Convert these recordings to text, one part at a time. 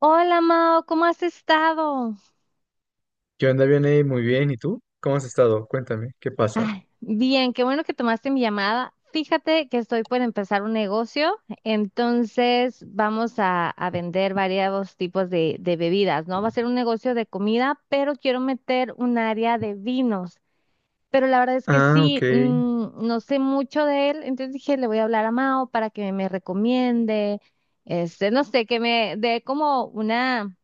Hola Mao, ¿cómo has estado? ¿Qué onda, Vianey? Muy bien. ¿Y tú? ¿Cómo has estado? Cuéntame, ¿qué pasa? Ay, bien, qué bueno que tomaste mi llamada. Fíjate que estoy por empezar un negocio, entonces vamos a vender varios tipos de bebidas, ¿no? Va a ser un negocio de comida, pero quiero meter un área de vinos. Pero la verdad es que Ah, ok. sí, no sé mucho de él, entonces dije, le voy a hablar a Mao para que me recomiende, este, no sé, que me dé como una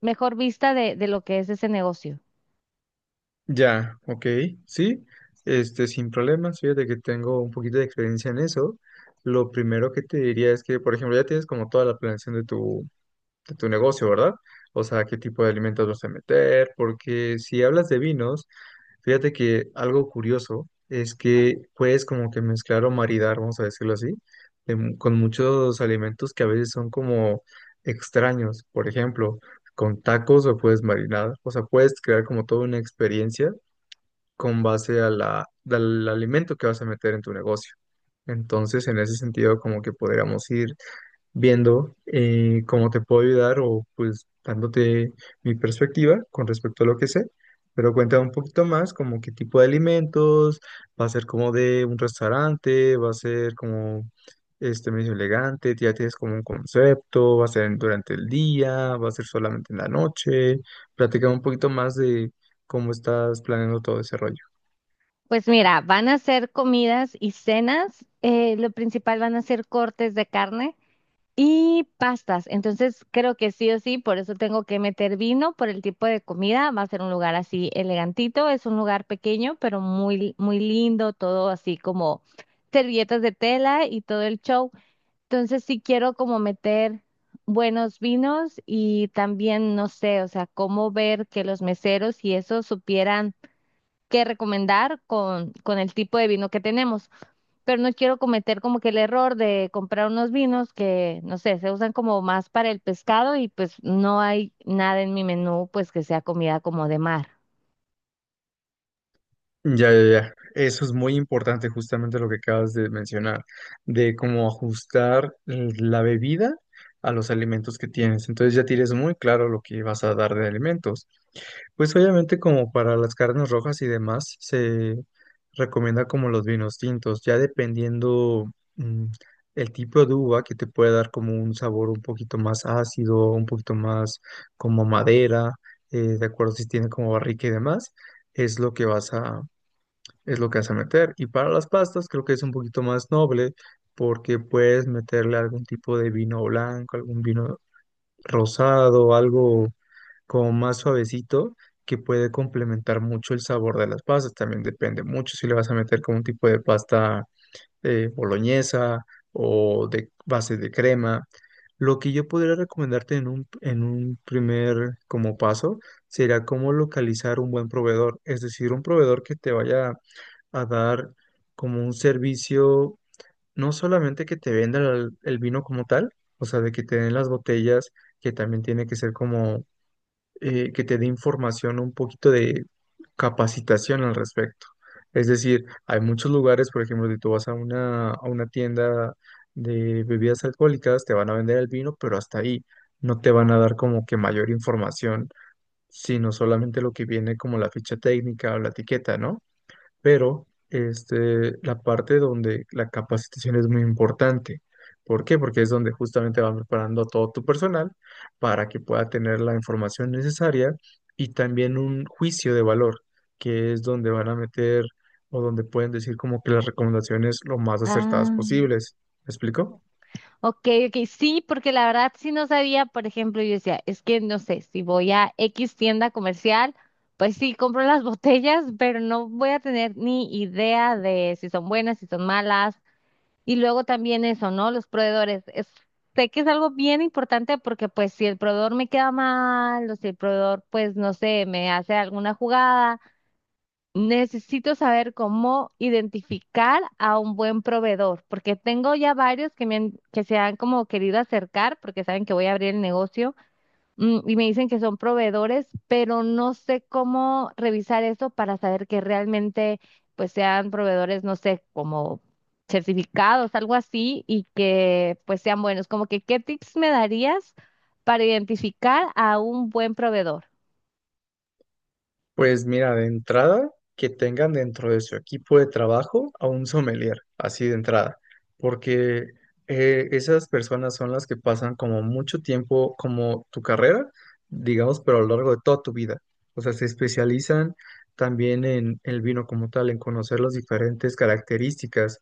mejor vista de lo que es ese negocio. Ya, ok. Sí, sin problemas. Fíjate que tengo un poquito de experiencia en eso. Lo primero que te diría es que, por ejemplo, ya tienes como toda la planeación de de tu negocio, ¿verdad? O sea, qué tipo de alimentos vas a meter, porque si hablas de vinos, fíjate que algo curioso es que puedes como que mezclar o maridar, vamos a decirlo así, con muchos alimentos que a veces son como extraños. Por ejemplo, con tacos o puedes marinar. O sea, puedes crear como toda una experiencia con base a al alimento que vas a meter en tu negocio. Entonces, en ese sentido, como que podríamos ir viendo cómo te puedo ayudar o pues dándote mi perspectiva con respecto a lo que sé. Pero cuéntame un poquito más, como qué tipo de alimentos, va a ser como de un restaurante, va a ser como este medio elegante, ya tienes como un concepto, va a ser en- durante el día, va a ser solamente en la noche. Platica un poquito más de cómo estás planeando todo ese rollo. Pues mira, van a ser comidas y cenas. Lo principal van a ser cortes de carne y pastas. Entonces creo que sí o sí, por eso tengo que meter vino por el tipo de comida. Va a ser un lugar así elegantito. Es un lugar pequeño, pero muy, muy lindo, todo así como servilletas de tela y todo el show. Entonces sí quiero como meter buenos vinos y también, no sé, o sea, cómo ver que los meseros y eso supieran que recomendar con el tipo de vino que tenemos. Pero no quiero cometer como que el error de comprar unos vinos que, no sé, se usan como más para el pescado y pues no hay nada en mi menú pues que sea comida como de mar. Ya, ya, ya. Eso es muy importante, justamente lo que acabas de mencionar, de cómo ajustar la bebida a los alimentos que tienes. Entonces ya tienes muy claro lo que vas a dar de alimentos. Pues obviamente como para las carnes rojas y demás, se recomienda como los vinos tintos, ya dependiendo mm, el tipo de uva que te puede dar como un sabor un poquito más ácido, un poquito más como madera, de acuerdo si tiene como barrica y demás es lo que es lo que vas a meter. Y para las pastas creo que es un poquito más noble porque puedes meterle algún tipo de vino blanco, algún vino rosado, algo como más suavecito que puede complementar mucho el sabor de las pastas. También depende mucho si le vas a meter como un tipo de pasta boloñesa o de base de crema. Lo que yo podría recomendarte en en un primer como paso sería cómo localizar un buen proveedor, es decir, un proveedor que te vaya a dar como un servicio, no solamente que te vendan el vino como tal, o sea, de que te den las botellas, que también tiene que ser como que te dé información, un poquito de capacitación al respecto. Es decir, hay muchos lugares, por ejemplo, si tú vas a a una tienda de bebidas alcohólicas, te van a vender el vino, pero hasta ahí no te van a dar como que mayor información, sino solamente lo que viene como la ficha técnica o la etiqueta, ¿no? Pero este, la parte donde la capacitación es muy importante. ¿Por qué? Porque es donde justamente van preparando a todo tu personal para que pueda tener la información necesaria y también un juicio de valor, que es donde van a meter o donde pueden decir como que las recomendaciones lo más acertadas Ah, posibles. ¿Me explico? ok, ok, sí, porque la verdad sí no sabía, por ejemplo, yo decía, es que no sé, si voy a X tienda comercial, pues sí, compro las botellas, pero no voy a tener ni idea de si son buenas, si son malas. Y luego también eso, ¿no? Los proveedores. Es, sé que es algo bien importante porque pues si el proveedor me queda mal o si el proveedor pues no sé, me hace alguna jugada, necesito saber cómo identificar a un buen proveedor porque tengo ya varios que, me han- que se han como querido acercar porque saben que voy a abrir el negocio, y me dicen que son proveedores, pero no sé cómo revisar eso para saber que realmente pues sean proveedores, no sé, como certificados, algo así, y que pues sean buenos. Como que, ¿qué tips me darías para identificar a un buen proveedor? Pues mira, de entrada, que tengan dentro de su equipo de trabajo a un sommelier, así de entrada, porque esas personas son las que pasan como mucho tiempo, como tu carrera, digamos, pero a lo largo de toda tu vida. O sea, se especializan también en el vino como tal, en conocer las diferentes características.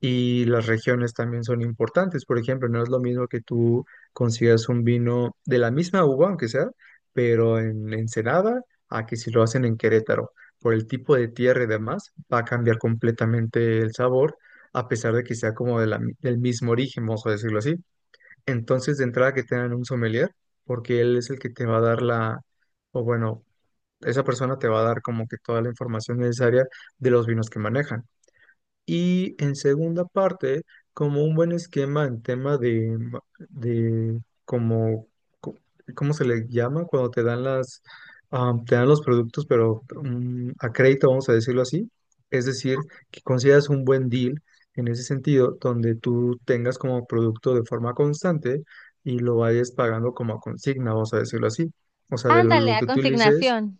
Y las regiones también son importantes. Por ejemplo, no es lo mismo que tú consigas un vino de la misma uva, aunque sea, pero en Ensenada a que si lo hacen en Querétaro, por el tipo de tierra y demás, va a cambiar completamente el sabor, a pesar de que sea como de del mismo origen, vamos a decirlo así. Entonces, de entrada que tengan un sommelier, porque él es el que te va a dar o bueno, esa persona te va a dar como que toda la información necesaria de los vinos que manejan. Y en segunda parte, como un buen esquema en tema de como, co- ¿cómo se le llama? Cuando te dan te dan los productos, pero a crédito, vamos a decirlo así. Es decir, que consideras un buen deal en ese sentido, donde tú tengas como producto de forma constante y lo vayas pagando como a consigna, vamos a decirlo así. O sea, de Ándale, lo a que utilices. consignación.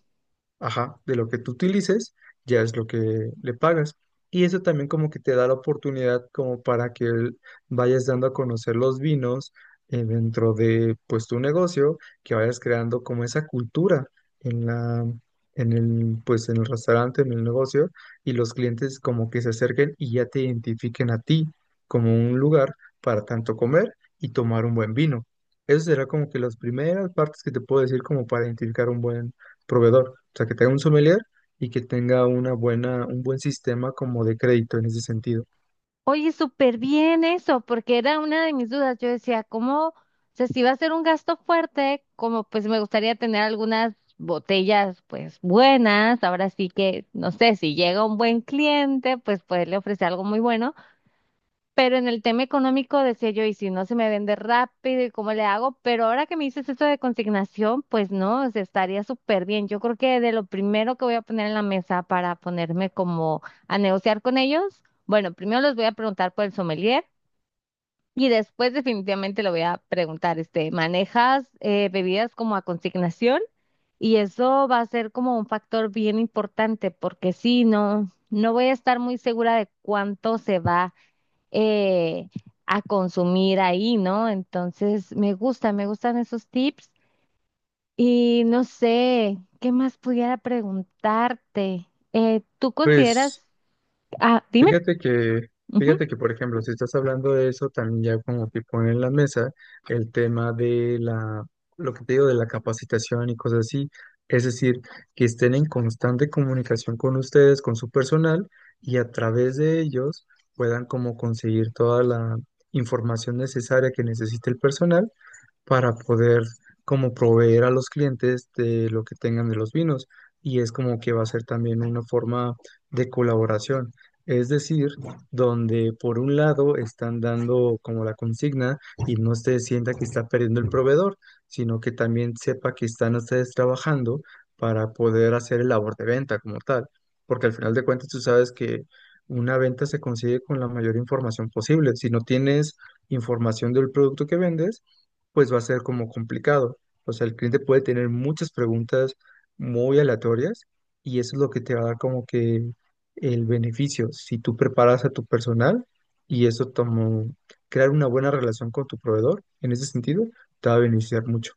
Ajá, de lo que tú utilices, ya es lo que le pagas. Y eso también como que te da la oportunidad como para que vayas dando a conocer los vinos dentro de pues tu negocio, que vayas creando como esa cultura en en el, pues en el restaurante, en el negocio, y los clientes como que se acerquen y ya te identifiquen a ti como un lugar para tanto comer y tomar un buen vino. Eso será como que las primeras partes que te puedo decir como para identificar proveedor, o sea, que tenga un sommelier y que tenga un buen sistema como de crédito en ese sentido. Oye, súper bien eso, porque era una de mis dudas. Yo decía, ¿cómo? O sea, si va a ser un gasto fuerte, como pues me gustaría tener algunas botellas pues buenas. Ahora sí que, no sé, si llega un buen cliente, pues poderle ofrecer algo muy bueno. Pero en el tema económico decía yo, y si no se me vende rápido, ¿y cómo le hago? Pero ahora que me dices esto de consignación, pues no, o sea, estaría súper bien. Yo creo que de lo primero que voy a poner en la mesa para ponerme como a negociar con ellos, bueno, primero les voy a preguntar por el sommelier y después definitivamente le voy a preguntar, este, ¿manejas bebidas como a consignación? Y eso va a ser como un factor bien importante porque si no, no voy a estar muy segura de cuánto se va eh, a consumir ahí, ¿no? Entonces, me gusta, me gustan esos tips. Y no sé, ¿qué más pudiera preguntarte? ¿Tú Pues consideras... Ah, dime. fíjate que, fíjate que, por ejemplo, si estás hablando de eso, también ya como que pone en la mesa el tema de lo que te digo, de la capacitación y cosas así. Es decir, que estén en constante comunicación con ustedes, con su personal, y a través de ellos puedan como conseguir toda la información necesaria que necesite el personal para poder como proveer a los clientes de lo que tengan de los vinos y es como que va a ser también una forma de colaboración. Es decir, donde por un lado están dando como la consigna y no se sienta que está perdiendo el proveedor, sino que también sepa que están ustedes trabajando para poder hacer el labor de venta como tal. Porque al final de cuentas tú sabes que una venta se consigue con la mayor información posible. Si no tienes información del producto que vendes, pues va a ser como complicado. O sea, el cliente puede tener muchas preguntas muy aleatorias y eso es lo que te va a dar como que el beneficio. Si tú preparas a tu personal y eso como crear una buena relación con tu proveedor, en ese sentido, te va a beneficiar mucho.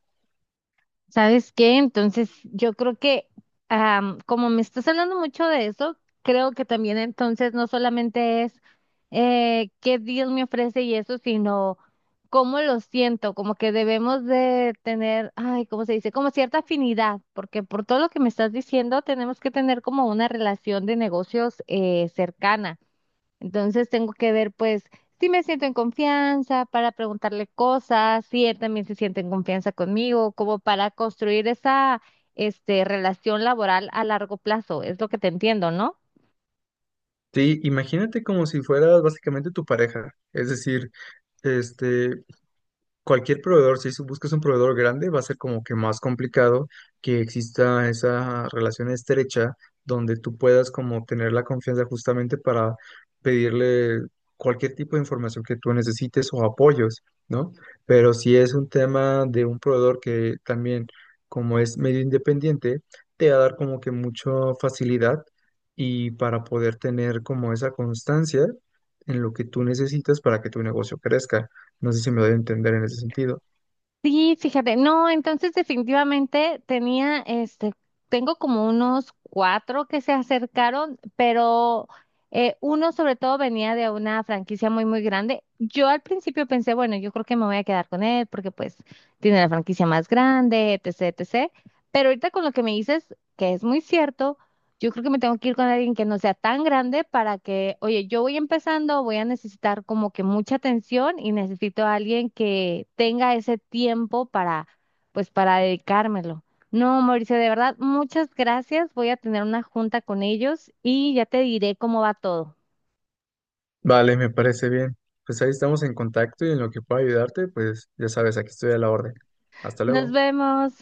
¿Sabes qué? Entonces, yo creo que como me estás hablando mucho de eso, creo que también entonces no solamente es qué Dios me ofrece y eso, sino cómo lo siento, como que debemos de tener, ay, ¿cómo se dice? Como cierta afinidad, porque por todo lo que me estás diciendo, tenemos que tener como una relación de negocios cercana. Entonces tengo que ver, pues, si me siento en confianza para preguntarle cosas, si él también se siente en confianza conmigo, como para construir esa, este, relación laboral a largo plazo. Es lo que te entiendo, ¿no? Sí, imagínate como si fueras básicamente tu pareja. Es decir, este, cualquier proveedor, si su- buscas un proveedor grande, va a ser como que más complicado que exista esa relación estrecha donde tú puedas como tener la confianza justamente para pedirle cualquier tipo de información que tú necesites o apoyos, ¿no? Pero si es un tema de un proveedor que también, como es medio independiente, te va a dar como que mucha facilidad y para poder tener como esa constancia en lo que tú necesitas para que tu negocio crezca. No sé si me doy a entender en ese sentido. Sí, fíjate, no, entonces definitivamente tenía, este, tengo como unos cuatro que se acercaron, pero uno sobre todo venía de una franquicia muy, muy grande. Yo al principio pensé, bueno, yo creo que me voy a quedar con él porque pues tiene la franquicia más grande, etcétera, etcétera. Pero ahorita con lo que me dices, que es muy cierto, yo creo que me tengo que ir con alguien que no sea tan grande para que, oye, yo voy empezando, voy a necesitar como que mucha atención y necesito a alguien que tenga ese tiempo para, pues, para dedicármelo. No, Mauricio, de verdad, muchas gracias. Voy a tener una junta con ellos y ya te diré cómo va todo. Vale, me parece bien. Pues ahí estamos en contacto y en lo que pueda ayudarte, pues ya sabes, aquí estoy a la orden. Hasta Nos luego. vemos.